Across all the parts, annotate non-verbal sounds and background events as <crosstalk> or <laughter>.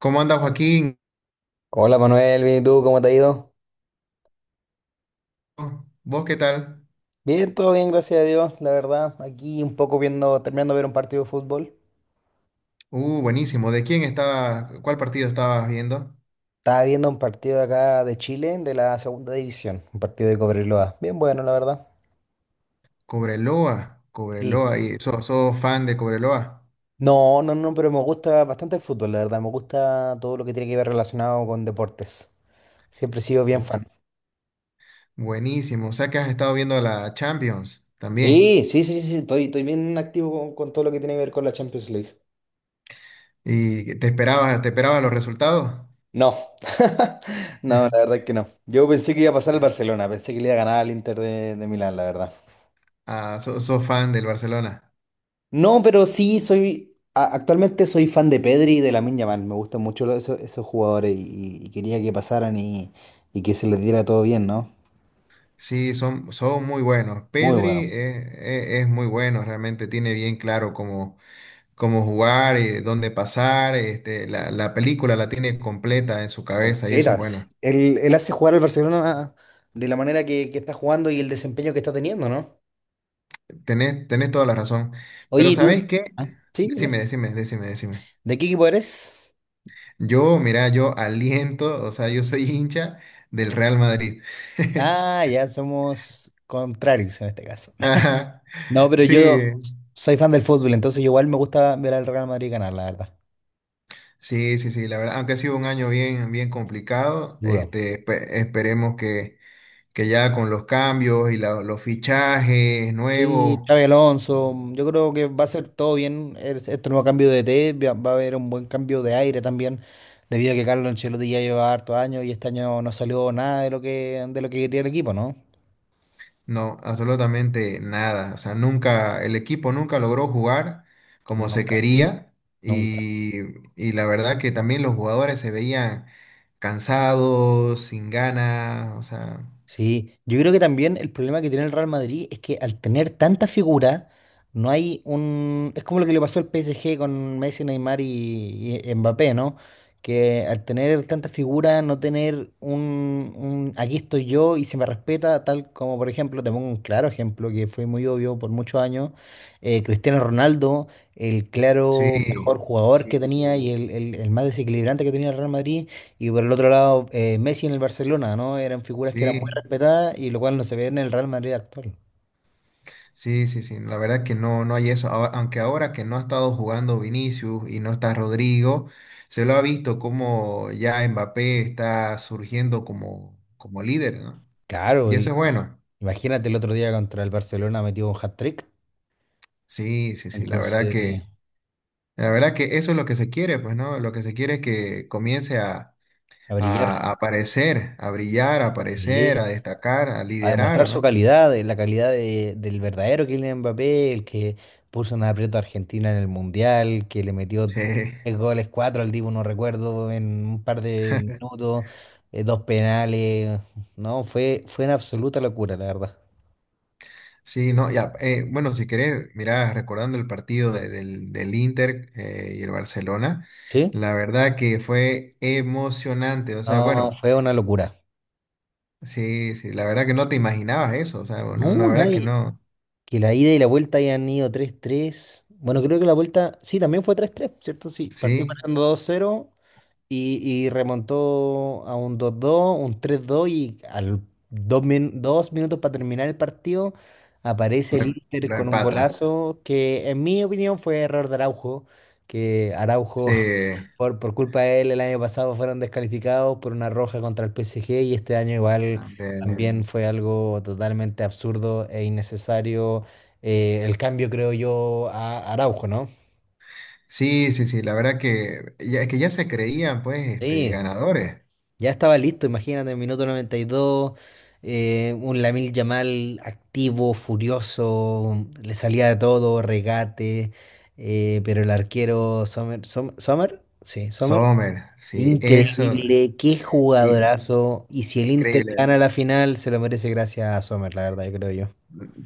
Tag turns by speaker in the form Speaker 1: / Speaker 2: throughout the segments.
Speaker 1: ¿Cómo anda Joaquín?
Speaker 2: Hola Manuel, bien, ¿y tú? ¿Cómo te ha ido?
Speaker 1: ¿Vos qué tal?
Speaker 2: Bien, todo bien, gracias a Dios, la verdad. Aquí un poco viendo, terminando de ver un partido de fútbol.
Speaker 1: Buenísimo. ¿De quién estaba, cuál partido estabas viendo?
Speaker 2: Estaba viendo un partido de acá de Chile, de la segunda división, un partido de Cobreloa. Bien bueno, la verdad.
Speaker 1: Cobreloa,
Speaker 2: Sí.
Speaker 1: Cobreloa, y sos fan de Cobreloa.
Speaker 2: No, no, no, pero me gusta bastante el fútbol, la verdad. Me gusta todo lo que tiene que ver relacionado con deportes. Siempre he sido bien
Speaker 1: Uh,
Speaker 2: fan.
Speaker 1: Buenísimo. O sea que has estado viendo la Champions también.
Speaker 2: Sí, sí, sí, sí, estoy bien activo con todo lo que tiene que ver con la Champions League.
Speaker 1: ¿Y te esperabas los resultados?
Speaker 2: No, <laughs> no, la
Speaker 1: <laughs>
Speaker 2: verdad que no. Yo pensé que iba a pasar al Barcelona, pensé que le iba a ganar al Inter de Milán, la verdad.
Speaker 1: Ah, sos fan del Barcelona.
Speaker 2: No, pero sí soy, actualmente soy fan de Pedri y de Lamine Yamal, me gustan mucho esos jugadores y quería que pasaran y que se les diera todo bien, ¿no?
Speaker 1: Sí, son muy buenos.
Speaker 2: Muy
Speaker 1: Pedri
Speaker 2: bueno.
Speaker 1: es muy bueno, realmente tiene bien claro como cómo jugar, dónde pasar, este, la película la tiene completa en su cabeza y eso es
Speaker 2: Completa. Sí.
Speaker 1: bueno.
Speaker 2: Él hace jugar al Barcelona de la manera que está jugando y el desempeño que está teniendo, ¿no?
Speaker 1: Tenés toda la razón.
Speaker 2: Oye,
Speaker 1: Pero
Speaker 2: ¿y tú?
Speaker 1: ¿sabés qué?
Speaker 2: Ah. Sí,
Speaker 1: Decime,
Speaker 2: dime.
Speaker 1: decime, decime, decime.
Speaker 2: ¿De qué equipo eres?
Speaker 1: Yo, mira, yo aliento, o sea, yo soy <laughs> hincha del Real Madrid.
Speaker 2: Ah, ya somos contrarios en este caso.
Speaker 1: <laughs> Ajá.
Speaker 2: No, pero
Speaker 1: Sí,
Speaker 2: yo soy fan del fútbol, entonces igual me gusta ver al Real Madrid ganar, la verdad.
Speaker 1: sí, sí, sí, la verdad, aunque ha sido un año bien complicado,
Speaker 2: Duro.
Speaker 1: este, esperemos que ya con los cambios y los fichajes
Speaker 2: Sí,
Speaker 1: nuevos.
Speaker 2: Xabi Alonso, yo creo que va a ser todo bien este nuevo cambio de E T, va a haber un buen cambio de aire también, debido a que Carlos Ancelotti ya lleva harto años y este año no salió nada de lo que quería el equipo, ¿no?
Speaker 1: No, absolutamente nada. O sea, nunca, el equipo nunca logró jugar como se
Speaker 2: Nunca,
Speaker 1: quería
Speaker 2: nunca.
Speaker 1: y, y la verdad que también los jugadores se veían cansados, sin ganas, o sea,
Speaker 2: Sí, yo creo que también el problema que tiene el Real Madrid es que al tener tanta figura, no hay un. Es como lo que le pasó al PSG con Messi, Neymar y Mbappé, ¿no? Que al tener tanta figura, no tener un aquí estoy yo y se me respeta, tal como por ejemplo, te pongo un claro ejemplo que fue muy obvio por muchos años, Cristiano Ronaldo, el claro mejor
Speaker 1: sí,
Speaker 2: jugador que
Speaker 1: sí,
Speaker 2: tenía y
Speaker 1: sí,
Speaker 2: el más desequilibrante que tenía el Real Madrid. Y por el otro lado, Messi en el Barcelona, ¿no? Eran figuras que eran
Speaker 1: sí,
Speaker 2: respetada y lo cual no se ve en el Real Madrid actual.
Speaker 1: sí, sí, sí. La verdad que no, no hay eso. Aunque ahora que no ha estado jugando Vinicius y no está Rodrigo, se lo ha visto como ya Mbappé está surgiendo como, como líder, ¿no?
Speaker 2: Claro,
Speaker 1: Y eso
Speaker 2: y
Speaker 1: es bueno.
Speaker 2: imagínate el otro día contra el Barcelona metió un hat-trick,
Speaker 1: Sí, sí, sí,
Speaker 2: entonces
Speaker 1: la verdad que eso es lo que se quiere, pues, ¿no? Lo que se quiere es que comience
Speaker 2: a brillar,
Speaker 1: a aparecer, a brillar, a aparecer,
Speaker 2: sí,
Speaker 1: a destacar, a
Speaker 2: a
Speaker 1: liderar,
Speaker 2: demostrar su
Speaker 1: ¿no?
Speaker 2: calidad, la calidad del verdadero Kylian Mbappé, el que puso una aprieto a Argentina en el Mundial, que le metió
Speaker 1: Sí,
Speaker 2: tres goles, cuatro al Divo, no recuerdo, en un par de minutos, dos penales, no, fue una absoluta locura, la verdad.
Speaker 1: <laughs> sí, no, ya, bueno, si querés, mirá, recordando el partido del, del Inter y el Barcelona,
Speaker 2: ¿Sí?
Speaker 1: la verdad que fue emocionante, o sea,
Speaker 2: No,
Speaker 1: bueno,
Speaker 2: fue una locura.
Speaker 1: sí, sí, la verdad que no te imaginabas eso, o sea, bueno, la
Speaker 2: No,
Speaker 1: verdad que
Speaker 2: nadie.
Speaker 1: no,
Speaker 2: Que la ida y la vuelta hayan ido 3-3. Bueno, creo que la vuelta, sí, también fue 3-3, ¿cierto? Sí, partió
Speaker 1: sí,
Speaker 2: ganando 2-0 y remontó a un 2-2 un 3-2 y al dos, 2 minutos para terminar el partido aparece el Inter
Speaker 1: lo
Speaker 2: con un
Speaker 1: empata,
Speaker 2: golazo que en mi opinión fue error de Araujo, que Araujo
Speaker 1: sí,
Speaker 2: por culpa de él, el año pasado fueron descalificados por una roja contra el PSG y este año igual
Speaker 1: también.
Speaker 2: también fue algo totalmente absurdo e innecesario, el cambio, creo yo, a Araujo, ¿no?
Speaker 1: Sí, sí, sí, la verdad que ya se creían pues este,
Speaker 2: Sí,
Speaker 1: ganadores.
Speaker 2: ya estaba listo, imagínate, en minuto 92, un Lamil Yamal activo, furioso, le salía de todo, regate, pero el arquero Sommer, Sommer, sí, Sommer.
Speaker 1: Sommer, sí, eso,
Speaker 2: Increíble, qué
Speaker 1: i-
Speaker 2: jugadorazo. Y si el Inter
Speaker 1: increíble.
Speaker 2: gana la final, se lo merece gracias a Sommer, la verdad, yo creo yo.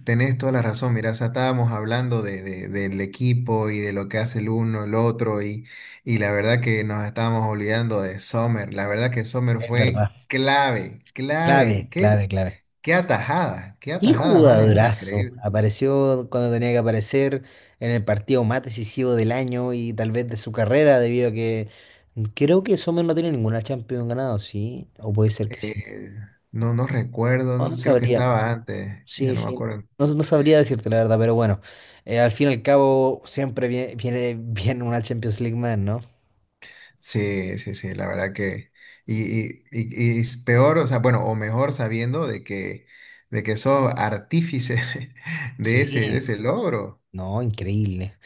Speaker 1: Tenés toda la razón, mira, o sea, estábamos hablando de, del equipo y de lo que hace el uno, el otro, y la verdad que nos estábamos olvidando de Sommer. La verdad que Sommer
Speaker 2: Es verdad.
Speaker 1: fue clave, clave.
Speaker 2: Clave,
Speaker 1: Qué,
Speaker 2: clave, clave.
Speaker 1: qué
Speaker 2: Qué
Speaker 1: atajada más, más
Speaker 2: jugadorazo.
Speaker 1: increíble.
Speaker 2: Apareció cuando tenía que aparecer en el partido más decisivo del año y tal vez de su carrera, debido a que creo que Sommer no tiene ninguna Champions ganado, ¿sí? O puede ser que sí.
Speaker 1: Eh, no, no recuerdo,
Speaker 2: No, no
Speaker 1: no, creo que
Speaker 2: sabría.
Speaker 1: estaba antes, ya
Speaker 2: Sí,
Speaker 1: no me
Speaker 2: sí.
Speaker 1: acuerdo.
Speaker 2: No, no sabría decirte la verdad, pero bueno. Al fin y al cabo, siempre viene bien una Champions League más, ¿no?
Speaker 1: Sí, sí, sí, la verdad que... Y, y es peor, o sea, bueno, o mejor sabiendo de que sos artífice <laughs> de
Speaker 2: Sí,
Speaker 1: ese logro.
Speaker 2: no, increíble,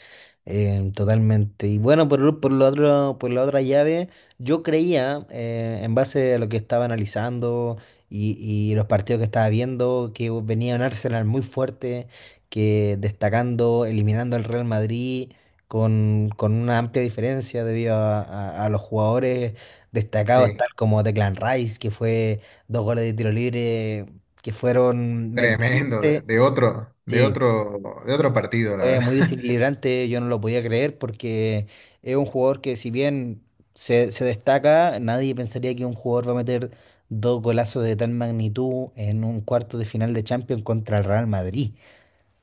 Speaker 2: totalmente. Y bueno, por lo otro, por la otra llave, yo creía, en base a lo que estaba analizando y los partidos que estaba viendo, que venía un Arsenal muy fuerte, que destacando, eliminando al Real Madrid con una amplia diferencia, debido a los jugadores destacados,
Speaker 1: Sí,
Speaker 2: tal como Declan Rice, que fue dos goles de tiro libre, que fueron
Speaker 1: tremendo,
Speaker 2: mentalmente.
Speaker 1: de otro, de
Speaker 2: Sí,
Speaker 1: otro, de otro partido, la
Speaker 2: fue
Speaker 1: verdad.
Speaker 2: muy
Speaker 1: <laughs>
Speaker 2: desequilibrante, yo no lo podía creer porque es un jugador que si bien se destaca, nadie pensaría que un jugador va a meter dos golazos de tal magnitud en un cuarto de final de Champions contra el Real Madrid.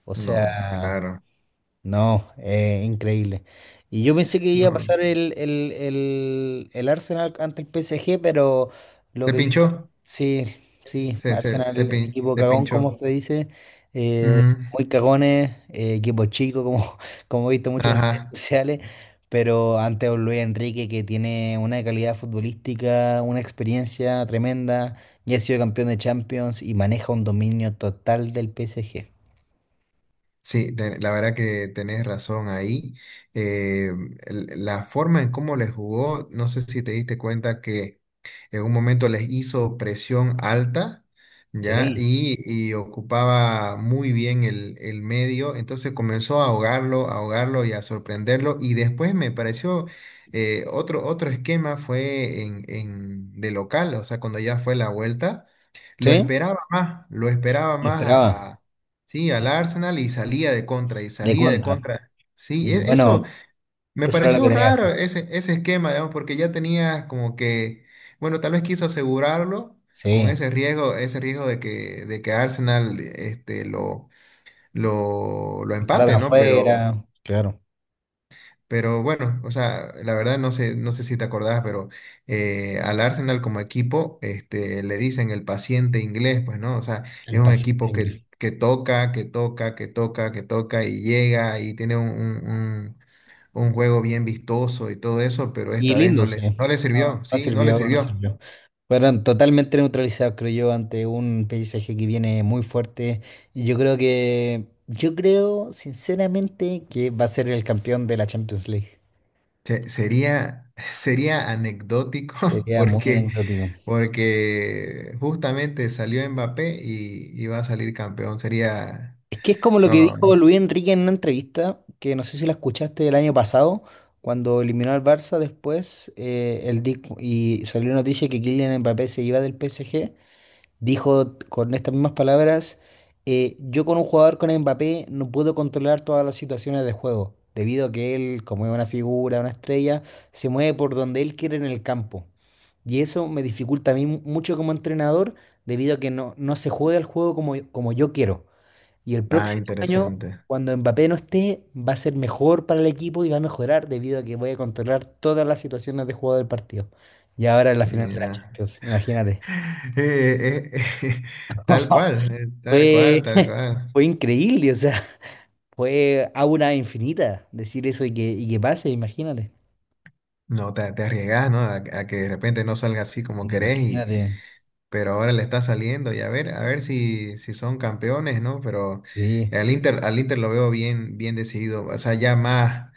Speaker 2: O
Speaker 1: No,
Speaker 2: sea,
Speaker 1: claro,
Speaker 2: no, increíble. Y yo pensé que iba a
Speaker 1: no.
Speaker 2: pasar el Arsenal ante el PSG, pero lo
Speaker 1: Se
Speaker 2: que vi.
Speaker 1: pinchó,
Speaker 2: Sí, sí,
Speaker 1: se,
Speaker 2: Arsenal, equipo
Speaker 1: se
Speaker 2: cagón, como
Speaker 1: pinchó.
Speaker 2: se dice, eh,
Speaker 1: Ujú,
Speaker 2: muy cagones, equipo chico, como, <laughs> como he visto mucho en redes
Speaker 1: Ajá,
Speaker 2: sociales, pero ante un Luis Enrique que tiene una calidad futbolística, una experiencia tremenda, ya ha sido campeón de Champions y maneja un dominio total del PSG.
Speaker 1: sí, la verdad que tenés razón ahí. Eh, la forma en cómo le jugó, no sé si te diste cuenta que en un momento les hizo presión alta, ¿ya?
Speaker 2: Sí,
Speaker 1: Y ocupaba muy bien el medio, entonces comenzó a ahogarlo y a sorprenderlo, y después me pareció... otro, otro esquema fue en, de local, o sea, cuando ya fue la vuelta,
Speaker 2: sí,
Speaker 1: lo esperaba
Speaker 2: lo
Speaker 1: más a,
Speaker 2: esperaba,
Speaker 1: sí,
Speaker 2: sí,
Speaker 1: al Arsenal y salía de contra, y
Speaker 2: de
Speaker 1: salía de
Speaker 2: contra.
Speaker 1: contra. Sí,
Speaker 2: Y
Speaker 1: eso,
Speaker 2: bueno,
Speaker 1: me
Speaker 2: eso era lo que
Speaker 1: pareció
Speaker 2: tenía que
Speaker 1: raro
Speaker 2: hacer.
Speaker 1: ese, ese esquema, digamos, porque ya tenía como que, bueno, tal vez quiso asegurarlo con
Speaker 2: Sí,
Speaker 1: ese riesgo de que Arsenal este, lo
Speaker 2: para
Speaker 1: empate, ¿no?
Speaker 2: afuera, claro,
Speaker 1: Pero bueno, o sea, la verdad no sé, no sé si te acordás, pero al Arsenal como equipo este, le dicen el paciente inglés, pues, ¿no? O sea, es
Speaker 2: el
Speaker 1: un equipo
Speaker 2: paciente.
Speaker 1: que toca, que toca, que toca, que toca y llega y tiene un, un juego bien vistoso y todo eso, pero
Speaker 2: Y
Speaker 1: esta vez no
Speaker 2: lindo,
Speaker 1: les, no
Speaker 2: sí.
Speaker 1: les
Speaker 2: No,
Speaker 1: sirvió,
Speaker 2: no
Speaker 1: sí, no les
Speaker 2: sirvió, no
Speaker 1: sirvió.
Speaker 2: sirvió. Fueron totalmente neutralizados, creo yo, ante un paisaje que viene muy fuerte. Y yo creo que, yo creo sinceramente que va a ser el campeón de la Champions League.
Speaker 1: Sería, <laughs> sería anecdótico <laughs>
Speaker 2: Sería muy
Speaker 1: porque,
Speaker 2: anecdótico.
Speaker 1: porque justamente salió Mbappé y va a salir campeón. Sería,
Speaker 2: Es que es como lo que
Speaker 1: no,
Speaker 2: dijo Luis Enrique en una entrevista, que no sé si la escuchaste el año pasado, cuando eliminó al Barça después, y salió noticia que Kylian Mbappé se iba del PSG. Dijo con estas mismas palabras, yo con un jugador con Mbappé no puedo controlar todas las situaciones de juego, debido a que él, como es una figura, una estrella, se mueve por donde él quiere en el campo. Y eso me dificulta a mí mucho como entrenador, debido a que no, no se juega el juego como yo quiero. Y el
Speaker 1: ah,
Speaker 2: próximo año,
Speaker 1: interesante.
Speaker 2: cuando Mbappé no esté, va a ser mejor para el equipo y va a mejorar, debido a que voy a controlar todas las situaciones de juego del partido. Y ahora en la final de la
Speaker 1: Mira.
Speaker 2: Champions,
Speaker 1: <laughs>
Speaker 2: imagínate.
Speaker 1: Eh, eh, eh, <laughs> tal
Speaker 2: <laughs>
Speaker 1: cual, tal cual,
Speaker 2: Fue,
Speaker 1: tal
Speaker 2: <laughs>
Speaker 1: cual.
Speaker 2: fue increíble, o sea, <laughs> fue aura infinita decir eso y que, pase, imagínate.
Speaker 1: No, te arriesgas, ¿no? A que de repente no salga así como querés,
Speaker 2: Imagínate,
Speaker 1: pero ahora le está saliendo y a ver si, si son campeones, ¿no? Pero
Speaker 2: sí.
Speaker 1: al Inter lo veo bien, bien decidido, o sea, ya más,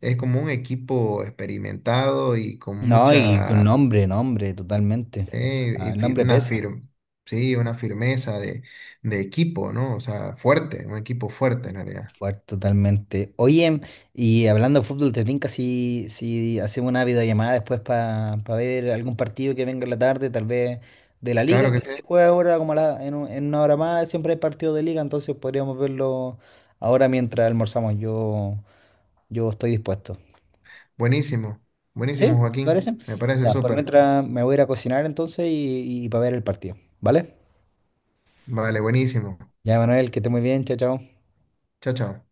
Speaker 1: es como un equipo experimentado y con
Speaker 2: No, y con
Speaker 1: mucha,
Speaker 2: nombre, nombre, totalmente. O
Speaker 1: eh,
Speaker 2: sea,
Speaker 1: y
Speaker 2: el
Speaker 1: fi-
Speaker 2: nombre
Speaker 1: una
Speaker 2: pesa.
Speaker 1: fir- sí, una firmeza de equipo, ¿no? O sea, fuerte, un equipo fuerte en realidad.
Speaker 2: Fuerte, totalmente. Oye, y hablando de fútbol, ¿te tinca si hacemos una videollamada después para ver algún partido que venga en la tarde, tal vez de la liga
Speaker 1: Claro que
Speaker 2: que
Speaker 1: sí,
Speaker 2: se juega ahora como a la- en, un- en una hora más? Siempre hay partido de liga, entonces podríamos verlo ahora mientras almorzamos. Yo estoy dispuesto.
Speaker 1: buenísimo,
Speaker 2: ¿Sí?
Speaker 1: buenísimo,
Speaker 2: ¿Te
Speaker 1: Joaquín,
Speaker 2: parece?
Speaker 1: me parece
Speaker 2: Ya, por
Speaker 1: súper.
Speaker 2: mientras me voy a ir a cocinar entonces y para ver el partido. ¿Vale?
Speaker 1: Vale, buenísimo.
Speaker 2: Ya, Manuel, que esté muy bien. Chao, chao.
Speaker 1: Chao, chao.